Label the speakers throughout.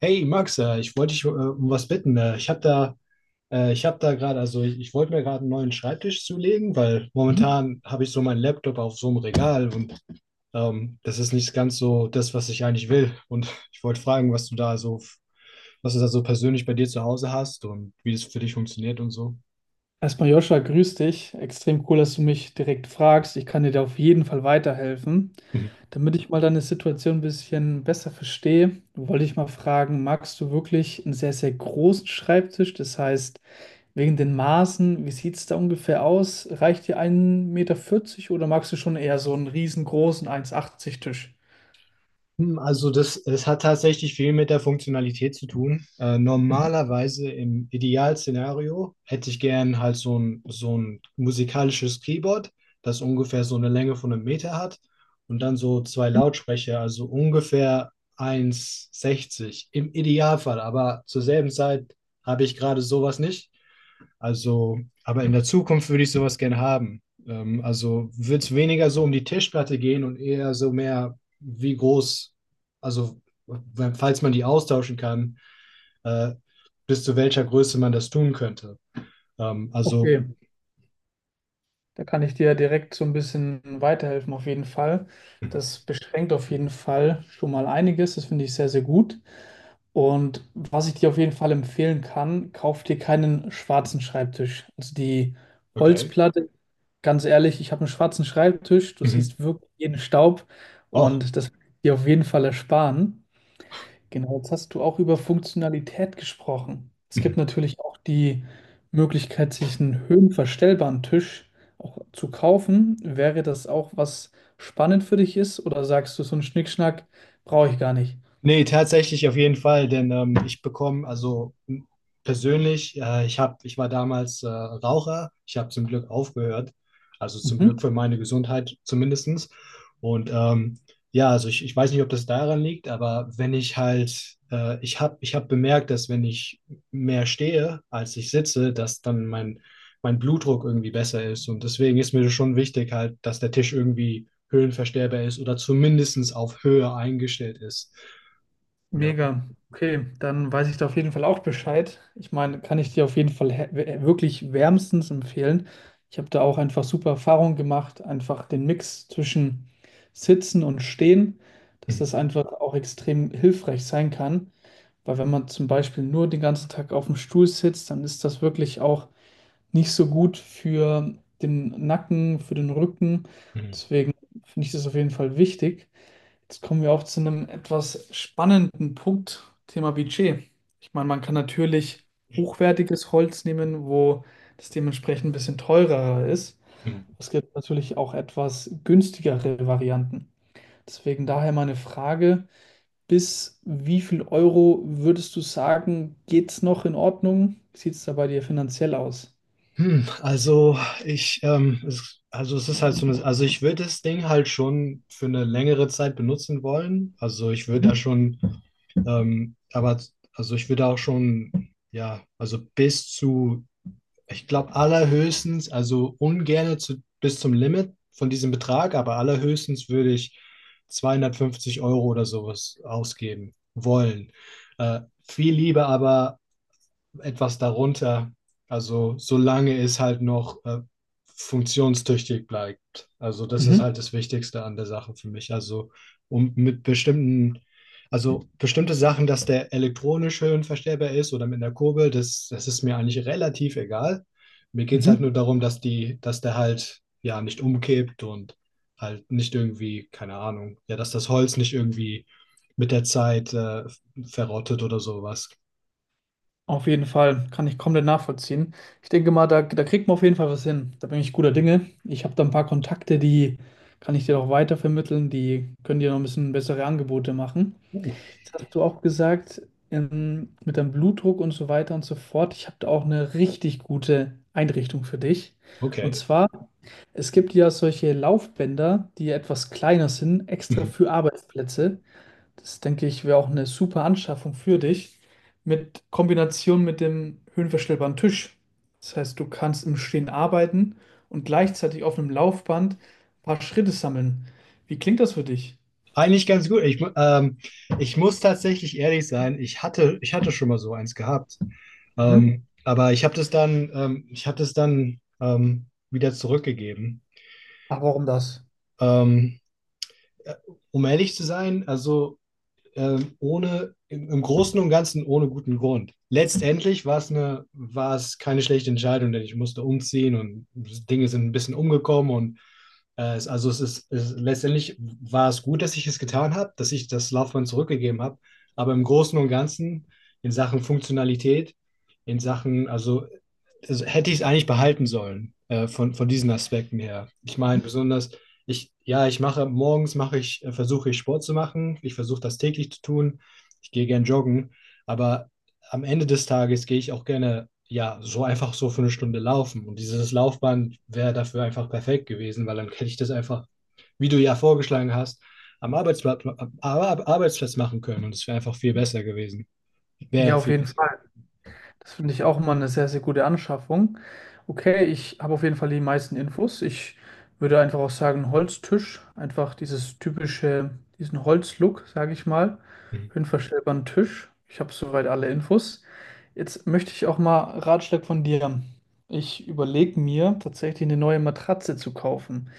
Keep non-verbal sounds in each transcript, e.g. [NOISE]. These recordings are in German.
Speaker 1: Hey Max, ich wollte dich um was bitten. Ich habe da gerade, ich wollte mir gerade einen neuen Schreibtisch zulegen, weil
Speaker 2: Mhm.
Speaker 1: momentan habe ich so meinen Laptop auf so einem Regal und das ist nicht ganz so das, was ich eigentlich will. Und ich wollte fragen, was du da so persönlich bei dir zu Hause hast und wie das für dich funktioniert und so.
Speaker 2: Erstmal Joscha, grüß dich. Extrem cool, dass du mich direkt fragst. Ich kann dir da auf jeden Fall weiterhelfen.
Speaker 1: Mhm.
Speaker 2: Damit ich mal deine Situation ein bisschen besser verstehe, wollte ich mal fragen, magst du wirklich einen sehr, sehr großen Schreibtisch? Das heißt, wegen den Maßen, wie sieht es da ungefähr aus? Reicht dir ein Meter vierzig oder magst du schon eher so einen riesengroßen eins Komma achtzig Tisch?
Speaker 1: Also es hat tatsächlich viel mit der Funktionalität zu tun.
Speaker 2: Mhm.
Speaker 1: Normalerweise im Idealszenario hätte ich gern halt so ein musikalisches Keyboard, das ungefähr so eine Länge von einem Meter hat und dann so zwei Lautsprecher, also ungefähr 1,60 im Idealfall. Aber zur selben Zeit habe ich gerade sowas nicht. Also, aber in der Zukunft würde ich sowas gerne haben. Also wird es weniger so um die Tischplatte gehen und eher so mehr, wie groß, also falls man die austauschen kann, äh, bis zu welcher Größe man das tun könnte. Also,
Speaker 2: Okay, da kann ich dir direkt so ein bisschen weiterhelfen, auf jeden Fall. Das beschränkt auf jeden Fall schon mal einiges. Das finde ich sehr, sehr gut. Und was ich dir auf jeden Fall empfehlen kann, kauf dir keinen schwarzen Schreibtisch. Also die
Speaker 1: okay.
Speaker 2: Holzplatte, ganz ehrlich, ich habe einen schwarzen Schreibtisch. Du
Speaker 1: Mhm.
Speaker 2: siehst wirklich jeden Staub
Speaker 1: Oh,
Speaker 2: und das will ich dir auf jeden Fall ersparen. Genau, jetzt hast du auch über Funktionalität gesprochen. Es gibt natürlich auch die Möglichkeit, sich einen höhenverstellbaren Tisch auch zu kaufen. Wäre das auch was spannend für dich ist oder sagst du, so einen Schnickschnack brauche ich gar nicht?
Speaker 1: nee, tatsächlich auf jeden Fall, denn ich bekomme, persönlich, ich war damals Raucher, ich habe zum Glück aufgehört, also zum
Speaker 2: Mhm.
Speaker 1: Glück für meine Gesundheit zumindestens. Und ja, ich weiß nicht, ob das daran liegt, aber wenn ich halt, ich hab bemerkt, dass wenn ich mehr stehe, als ich sitze, dass dann mein Blutdruck irgendwie besser ist. Und deswegen ist mir das schon wichtig halt, dass der Tisch irgendwie höhenverstellbar ist oder zumindestens auf Höhe eingestellt ist. Ja.
Speaker 2: Mega. Okay, dann weiß ich da auf jeden Fall auch Bescheid. Ich meine, kann ich dir auf jeden Fall wirklich wärmstens empfehlen. Ich habe da auch einfach super Erfahrungen gemacht, einfach den Mix zwischen Sitzen und Stehen, dass
Speaker 1: Hm,
Speaker 2: das einfach auch extrem hilfreich sein kann. Weil wenn man zum Beispiel nur den ganzen Tag auf dem Stuhl sitzt, dann ist das wirklich auch nicht so gut für den Nacken, für den Rücken.
Speaker 1: hm,
Speaker 2: Deswegen finde ich das auf jeden Fall wichtig. Jetzt kommen wir auch zu einem etwas spannenden Punkt, Thema Budget. Ich meine, man kann natürlich hochwertiges Holz nehmen, wo das dementsprechend ein bisschen teurer ist.
Speaker 1: hm.
Speaker 2: Es gibt natürlich auch etwas günstigere Varianten. Deswegen daher meine Frage, bis wie viel Euro würdest du sagen, geht's noch in Ordnung? Wie sieht es da bei dir finanziell aus?
Speaker 1: Also also es ist halt so eine, also ich würde das Ding halt schon für eine längere Zeit benutzen wollen.
Speaker 2: Mhm.
Speaker 1: Ähm, aber also ich würde auch schon, ja, also bis zu, ich glaube allerhöchstens, also ungerne zu, bis zum Limit von diesem Betrag, aber allerhöchstens würde ich 250 € oder sowas ausgeben wollen. Viel lieber aber etwas darunter. Also solange es halt noch funktionstüchtig bleibt. Also das ist
Speaker 2: Mhm.
Speaker 1: halt das Wichtigste an der Sache für mich. Also um mit bestimmten, also bestimmte Sachen, dass der elektronisch höhenverstellbar ist oder mit einer Kurbel, das ist mir eigentlich relativ egal. Mir geht es halt nur
Speaker 2: Mhm.
Speaker 1: darum, dass der halt ja nicht umkippt und halt nicht irgendwie, keine Ahnung, ja, dass das Holz nicht irgendwie mit der Zeit verrottet oder sowas.
Speaker 2: Auf jeden Fall, kann ich komplett nachvollziehen. Ich denke mal, da, da kriegt man auf jeden Fall was hin. Da bin ich guter Dinge. Ich habe da ein paar Kontakte, die kann ich dir auch weitervermitteln. Die können dir noch ein bisschen bessere Angebote machen.
Speaker 1: Uh,
Speaker 2: Jetzt hast du auch gesagt, mit deinem Blutdruck und so weiter und so fort. Ich habe da auch eine richtig gute Einrichtung für dich. Und
Speaker 1: okay.
Speaker 2: zwar, es gibt ja solche Laufbänder, die etwas kleiner sind, extra
Speaker 1: Mhm.
Speaker 2: für Arbeitsplätze. Das denke ich wäre auch eine super Anschaffung für dich mit Kombination mit dem höhenverstellbaren Tisch. Das heißt, du kannst im Stehen arbeiten und gleichzeitig auf einem Laufband ein paar Schritte sammeln. Wie klingt das für dich?
Speaker 1: Eigentlich ganz gut. Ich muss tatsächlich ehrlich sein, ich hatte schon mal so eins gehabt.
Speaker 2: Mhm.
Speaker 1: Aber ich habe das dann, wieder zurückgegeben.
Speaker 2: Ach, warum das?
Speaker 1: Ähm, äh, Um ehrlich zu sein, also ohne, im, im Großen und Ganzen ohne guten Grund. Letztendlich war es keine schlechte Entscheidung, denn ich musste umziehen und Dinge sind ein bisschen umgekommen und es, also es ist, es, letztendlich war es gut, dass ich es getan habe, dass ich das Laufband zurückgegeben habe. Aber im Großen und Ganzen in Sachen Funktionalität, in Sachen, also hätte ich es eigentlich behalten sollen von diesen Aspekten her. Ich
Speaker 2: Mhm.
Speaker 1: meine, besonders ich, ja, ich mache morgens mache ich, versuche ich Sport zu machen. Ich versuche das täglich zu tun. Ich gehe gern joggen, aber am Ende des Tages gehe ich auch gerne, ja, so einfach so für eine Stunde laufen. Und dieses Laufband wäre dafür einfach perfekt gewesen, weil dann hätte ich das einfach, wie du ja vorgeschlagen hast, am Arbeitsplatz machen können. Und es wäre einfach viel besser gewesen. Wäre ja
Speaker 2: Ja, auf
Speaker 1: viel
Speaker 2: jeden
Speaker 1: besser
Speaker 2: Fall. Das finde ich auch mal eine sehr, sehr gute Anschaffung. Okay, ich habe auf jeden Fall die meisten Infos. Ich würde einfach auch sagen, Holztisch. Einfach dieses typische, diesen Holzlook, sage ich mal.
Speaker 1: gewesen.
Speaker 2: Höhenverstellbaren Tisch. Ich habe soweit alle Infos. Jetzt möchte ich auch mal Ratschlag von dir. Ich überlege mir, tatsächlich eine neue Matratze zu kaufen.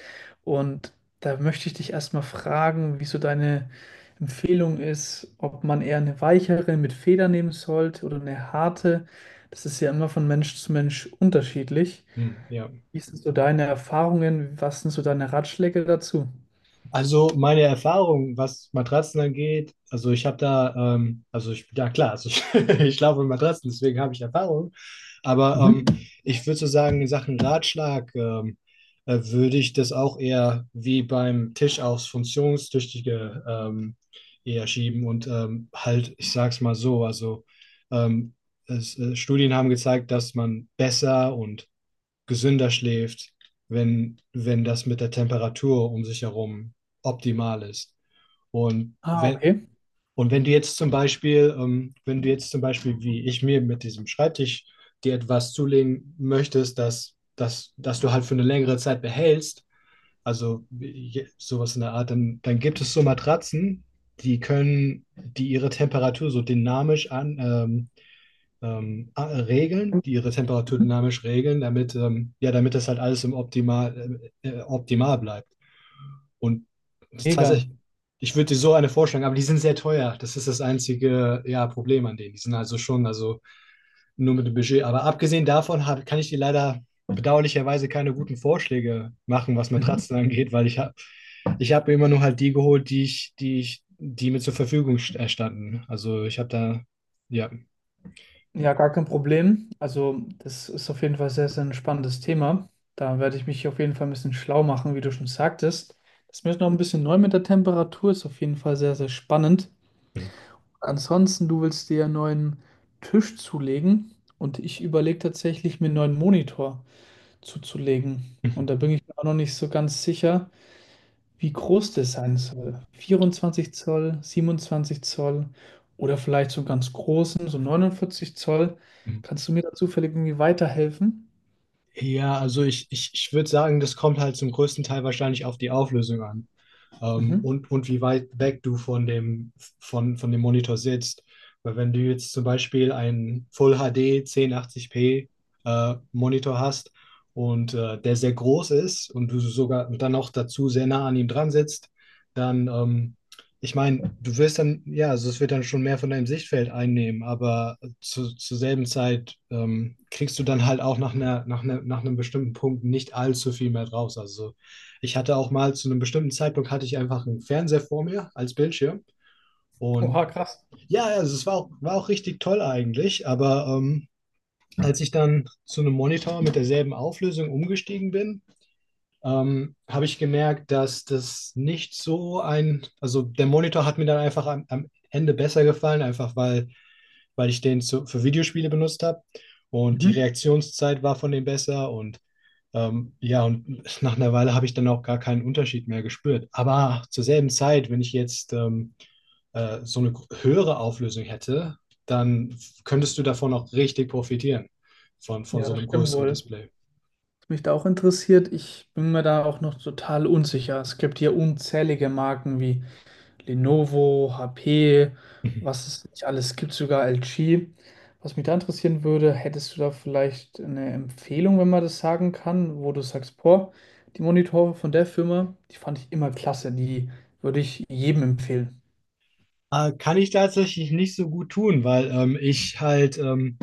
Speaker 2: Und da möchte ich dich erstmal fragen, wie so deine Empfehlung ist, ob man eher eine weichere mit Feder nehmen sollte oder eine harte. Das ist ja immer von Mensch zu Mensch unterschiedlich.
Speaker 1: Hm, ja.
Speaker 2: Wie sind so deine Erfahrungen? Was sind so deine Ratschläge dazu?
Speaker 1: Also meine Erfahrung, was Matratzen angeht, also ich habe da, also ich, ja klar, also ich, [LAUGHS] ich schlafe mit Matratzen, deswegen habe ich Erfahrung. Aber
Speaker 2: Mhm.
Speaker 1: ich würde so sagen, in Sachen Ratschlag würde ich das auch eher wie beim Tisch aufs Funktionstüchtige eher schieben und halt, ich sag's mal so, also ähm, Studien haben gezeigt, dass man besser und gesünder schläft, wenn das mit der Temperatur um sich herum optimal ist. Und
Speaker 2: Ah,
Speaker 1: wenn,
Speaker 2: okay.
Speaker 1: und wenn du jetzt zum Beispiel, wenn du jetzt zum Beispiel, wie ich mir mit diesem Schreibtisch dir etwas zulegen möchtest, dass du halt für eine längere Zeit behältst, sowas in der Art, dann gibt es so Matratzen, die ihre Temperatur so dynamisch regeln, die ihre Temperatur dynamisch regeln, damit, ja, damit das halt alles im optimal bleibt. Und das ist
Speaker 2: Mega.
Speaker 1: tatsächlich, ich würde dir so eine vorschlagen, aber die sind sehr teuer. Das ist das einzige, ja, Problem an denen. Die sind also schon, also nur mit dem Budget. Aber abgesehen davon kann ich dir leider bedauerlicherweise keine guten Vorschläge machen, was
Speaker 2: Mhm.
Speaker 1: Matratzen angeht, weil ich hab mir immer nur halt die geholt, die mir zur Verfügung standen. Also ich habe da, ja.
Speaker 2: Ja, gar kein Problem. Also, das ist auf jeden Fall sehr, sehr ein spannendes Thema. Da werde ich mich auf jeden Fall ein bisschen schlau machen, wie du schon sagtest. Das ist mir jetzt noch ein bisschen neu mit der Temperatur, ist auf jeden Fall sehr, sehr spannend. Ansonsten, du willst dir einen neuen Tisch zulegen und ich überlege tatsächlich, mir einen neuen Monitor zuzulegen. Und da
Speaker 1: [LAUGHS]
Speaker 2: bin ich mir auch noch nicht so ganz sicher, wie groß das sein soll. 24 Zoll, 27 Zoll oder vielleicht so einen ganz großen, so 49 Zoll.
Speaker 1: Mhm.
Speaker 2: Kannst du mir da zufällig irgendwie weiterhelfen?
Speaker 1: Ja, ich würde sagen, das kommt halt zum größten Teil wahrscheinlich auf die Auflösung an
Speaker 2: Mhm.
Speaker 1: und wie weit weg du von dem, von dem Monitor sitzt. Weil wenn du jetzt zum Beispiel einen Full HD 1080p Monitor hast und der sehr groß ist und du sogar dann noch dazu sehr nah an ihm dran sitzt, dann, ich meine, du wirst dann, ja, also es wird dann schon mehr von deinem Sichtfeld einnehmen, aber zur selben Zeit kriegst du dann halt auch nach einem bestimmten Punkt nicht allzu viel mehr draus. Also ich hatte auch mal zu einem bestimmten Zeitpunkt hatte ich einfach einen Fernseher vor mir als Bildschirm. Und
Speaker 2: Oha, krass.
Speaker 1: ja, war auch richtig toll eigentlich. Aber als ich dann zu einem Monitor mit derselben Auflösung umgestiegen bin, habe ich gemerkt, dass das nicht so ein, also der Monitor hat mir dann einfach am Ende besser gefallen, einfach weil ich den für Videospiele benutzt habe. Und die
Speaker 2: Mhm.
Speaker 1: Reaktionszeit war von dem besser und ja, und nach einer Weile habe ich dann auch gar keinen Unterschied mehr gespürt. Aber zur selben Zeit, wenn ich jetzt so eine höhere Auflösung hätte, dann könntest du davon auch richtig profitieren, von
Speaker 2: Ja,
Speaker 1: so
Speaker 2: das
Speaker 1: einem
Speaker 2: stimmt
Speaker 1: größeren
Speaker 2: wohl.
Speaker 1: Display.
Speaker 2: Was mich da auch interessiert, ich bin mir da auch noch total unsicher. Es gibt hier unzählige Marken wie Lenovo, HP, was es nicht alles gibt, sogar LG. Was mich da interessieren würde, hättest du da vielleicht eine Empfehlung, wenn man das sagen kann, wo du sagst, boah, die Monitore von der Firma, die fand ich immer klasse, die würde ich jedem empfehlen.
Speaker 1: Kann ich tatsächlich nicht so gut tun, weil ähm, ich halt, ähm,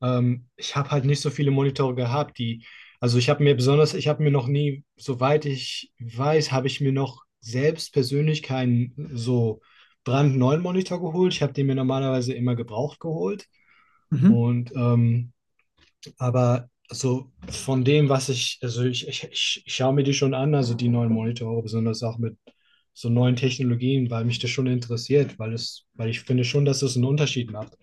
Speaker 1: ähm, ich habe halt nicht so viele Monitore Ich habe mir noch nie, soweit ich weiß, habe ich mir noch selbst persönlich keinen so brandneuen Monitor geholt. Ich habe den mir normalerweise immer gebraucht geholt
Speaker 2: Mhm.
Speaker 1: und aber so von dem, was ich, also ich schaue mir die schon an, also die neuen Monitore, besonders auch mit so neuen Technologien, weil mich das schon interessiert, weil ich finde schon, dass es einen Unterschied macht.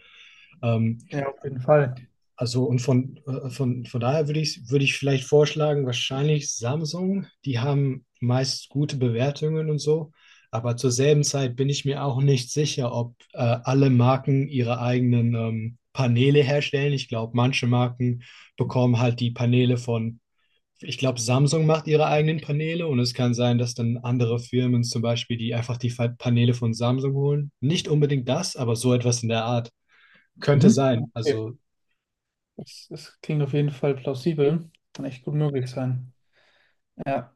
Speaker 1: Ähm,
Speaker 2: Ja, auf jeden Fall.
Speaker 1: also und von daher würde ich vielleicht vorschlagen, wahrscheinlich Samsung. Die haben meist gute Bewertungen und so. Aber zur selben Zeit bin ich mir auch nicht sicher, ob alle Marken ihre eigenen Paneele herstellen. Ich glaube, manche Marken bekommen halt die Paneele von, ich glaube, Samsung macht ihre eigenen Paneele und es kann sein, dass dann andere Firmen zum Beispiel, die einfach die Paneele von Samsung holen. Nicht unbedingt das, aber so etwas in der Art. Könnte
Speaker 2: Mhm.
Speaker 1: sein.
Speaker 2: Okay.
Speaker 1: Also
Speaker 2: Das, das klingt auf jeden Fall plausibel. Kann echt gut möglich sein. Ja.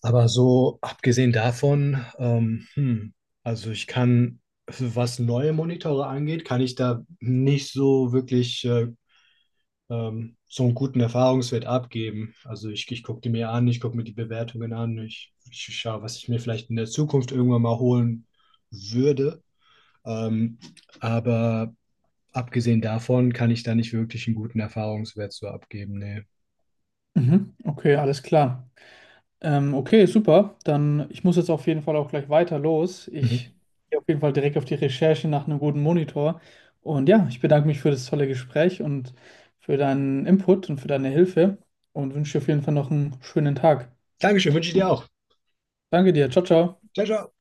Speaker 1: aber so abgesehen davon, also ich kann, was neue Monitore angeht, kann ich da nicht so wirklich so einen guten Erfahrungswert abgeben. Ich gucke die mir an, ich gucke mir die Bewertungen an, ich schaue, was ich mir vielleicht in der Zukunft irgendwann mal holen würde. Ähm, aber abgesehen davon kann ich da nicht wirklich einen guten Erfahrungswert so abgeben. Nee.
Speaker 2: Mhm. Okay, alles klar. Okay, super. Dann, ich muss jetzt auf jeden Fall auch gleich weiter los.
Speaker 1: Mhm.
Speaker 2: Ich gehe auf jeden Fall direkt auf die Recherche nach einem guten Monitor. Und ja, ich bedanke mich für das tolle Gespräch und für deinen Input und für deine Hilfe und wünsche dir auf jeden Fall noch einen schönen Tag.
Speaker 1: Dankeschön, wünsche ich dir auch.
Speaker 2: Danke dir. Ciao, ciao.
Speaker 1: Ciao, ciao.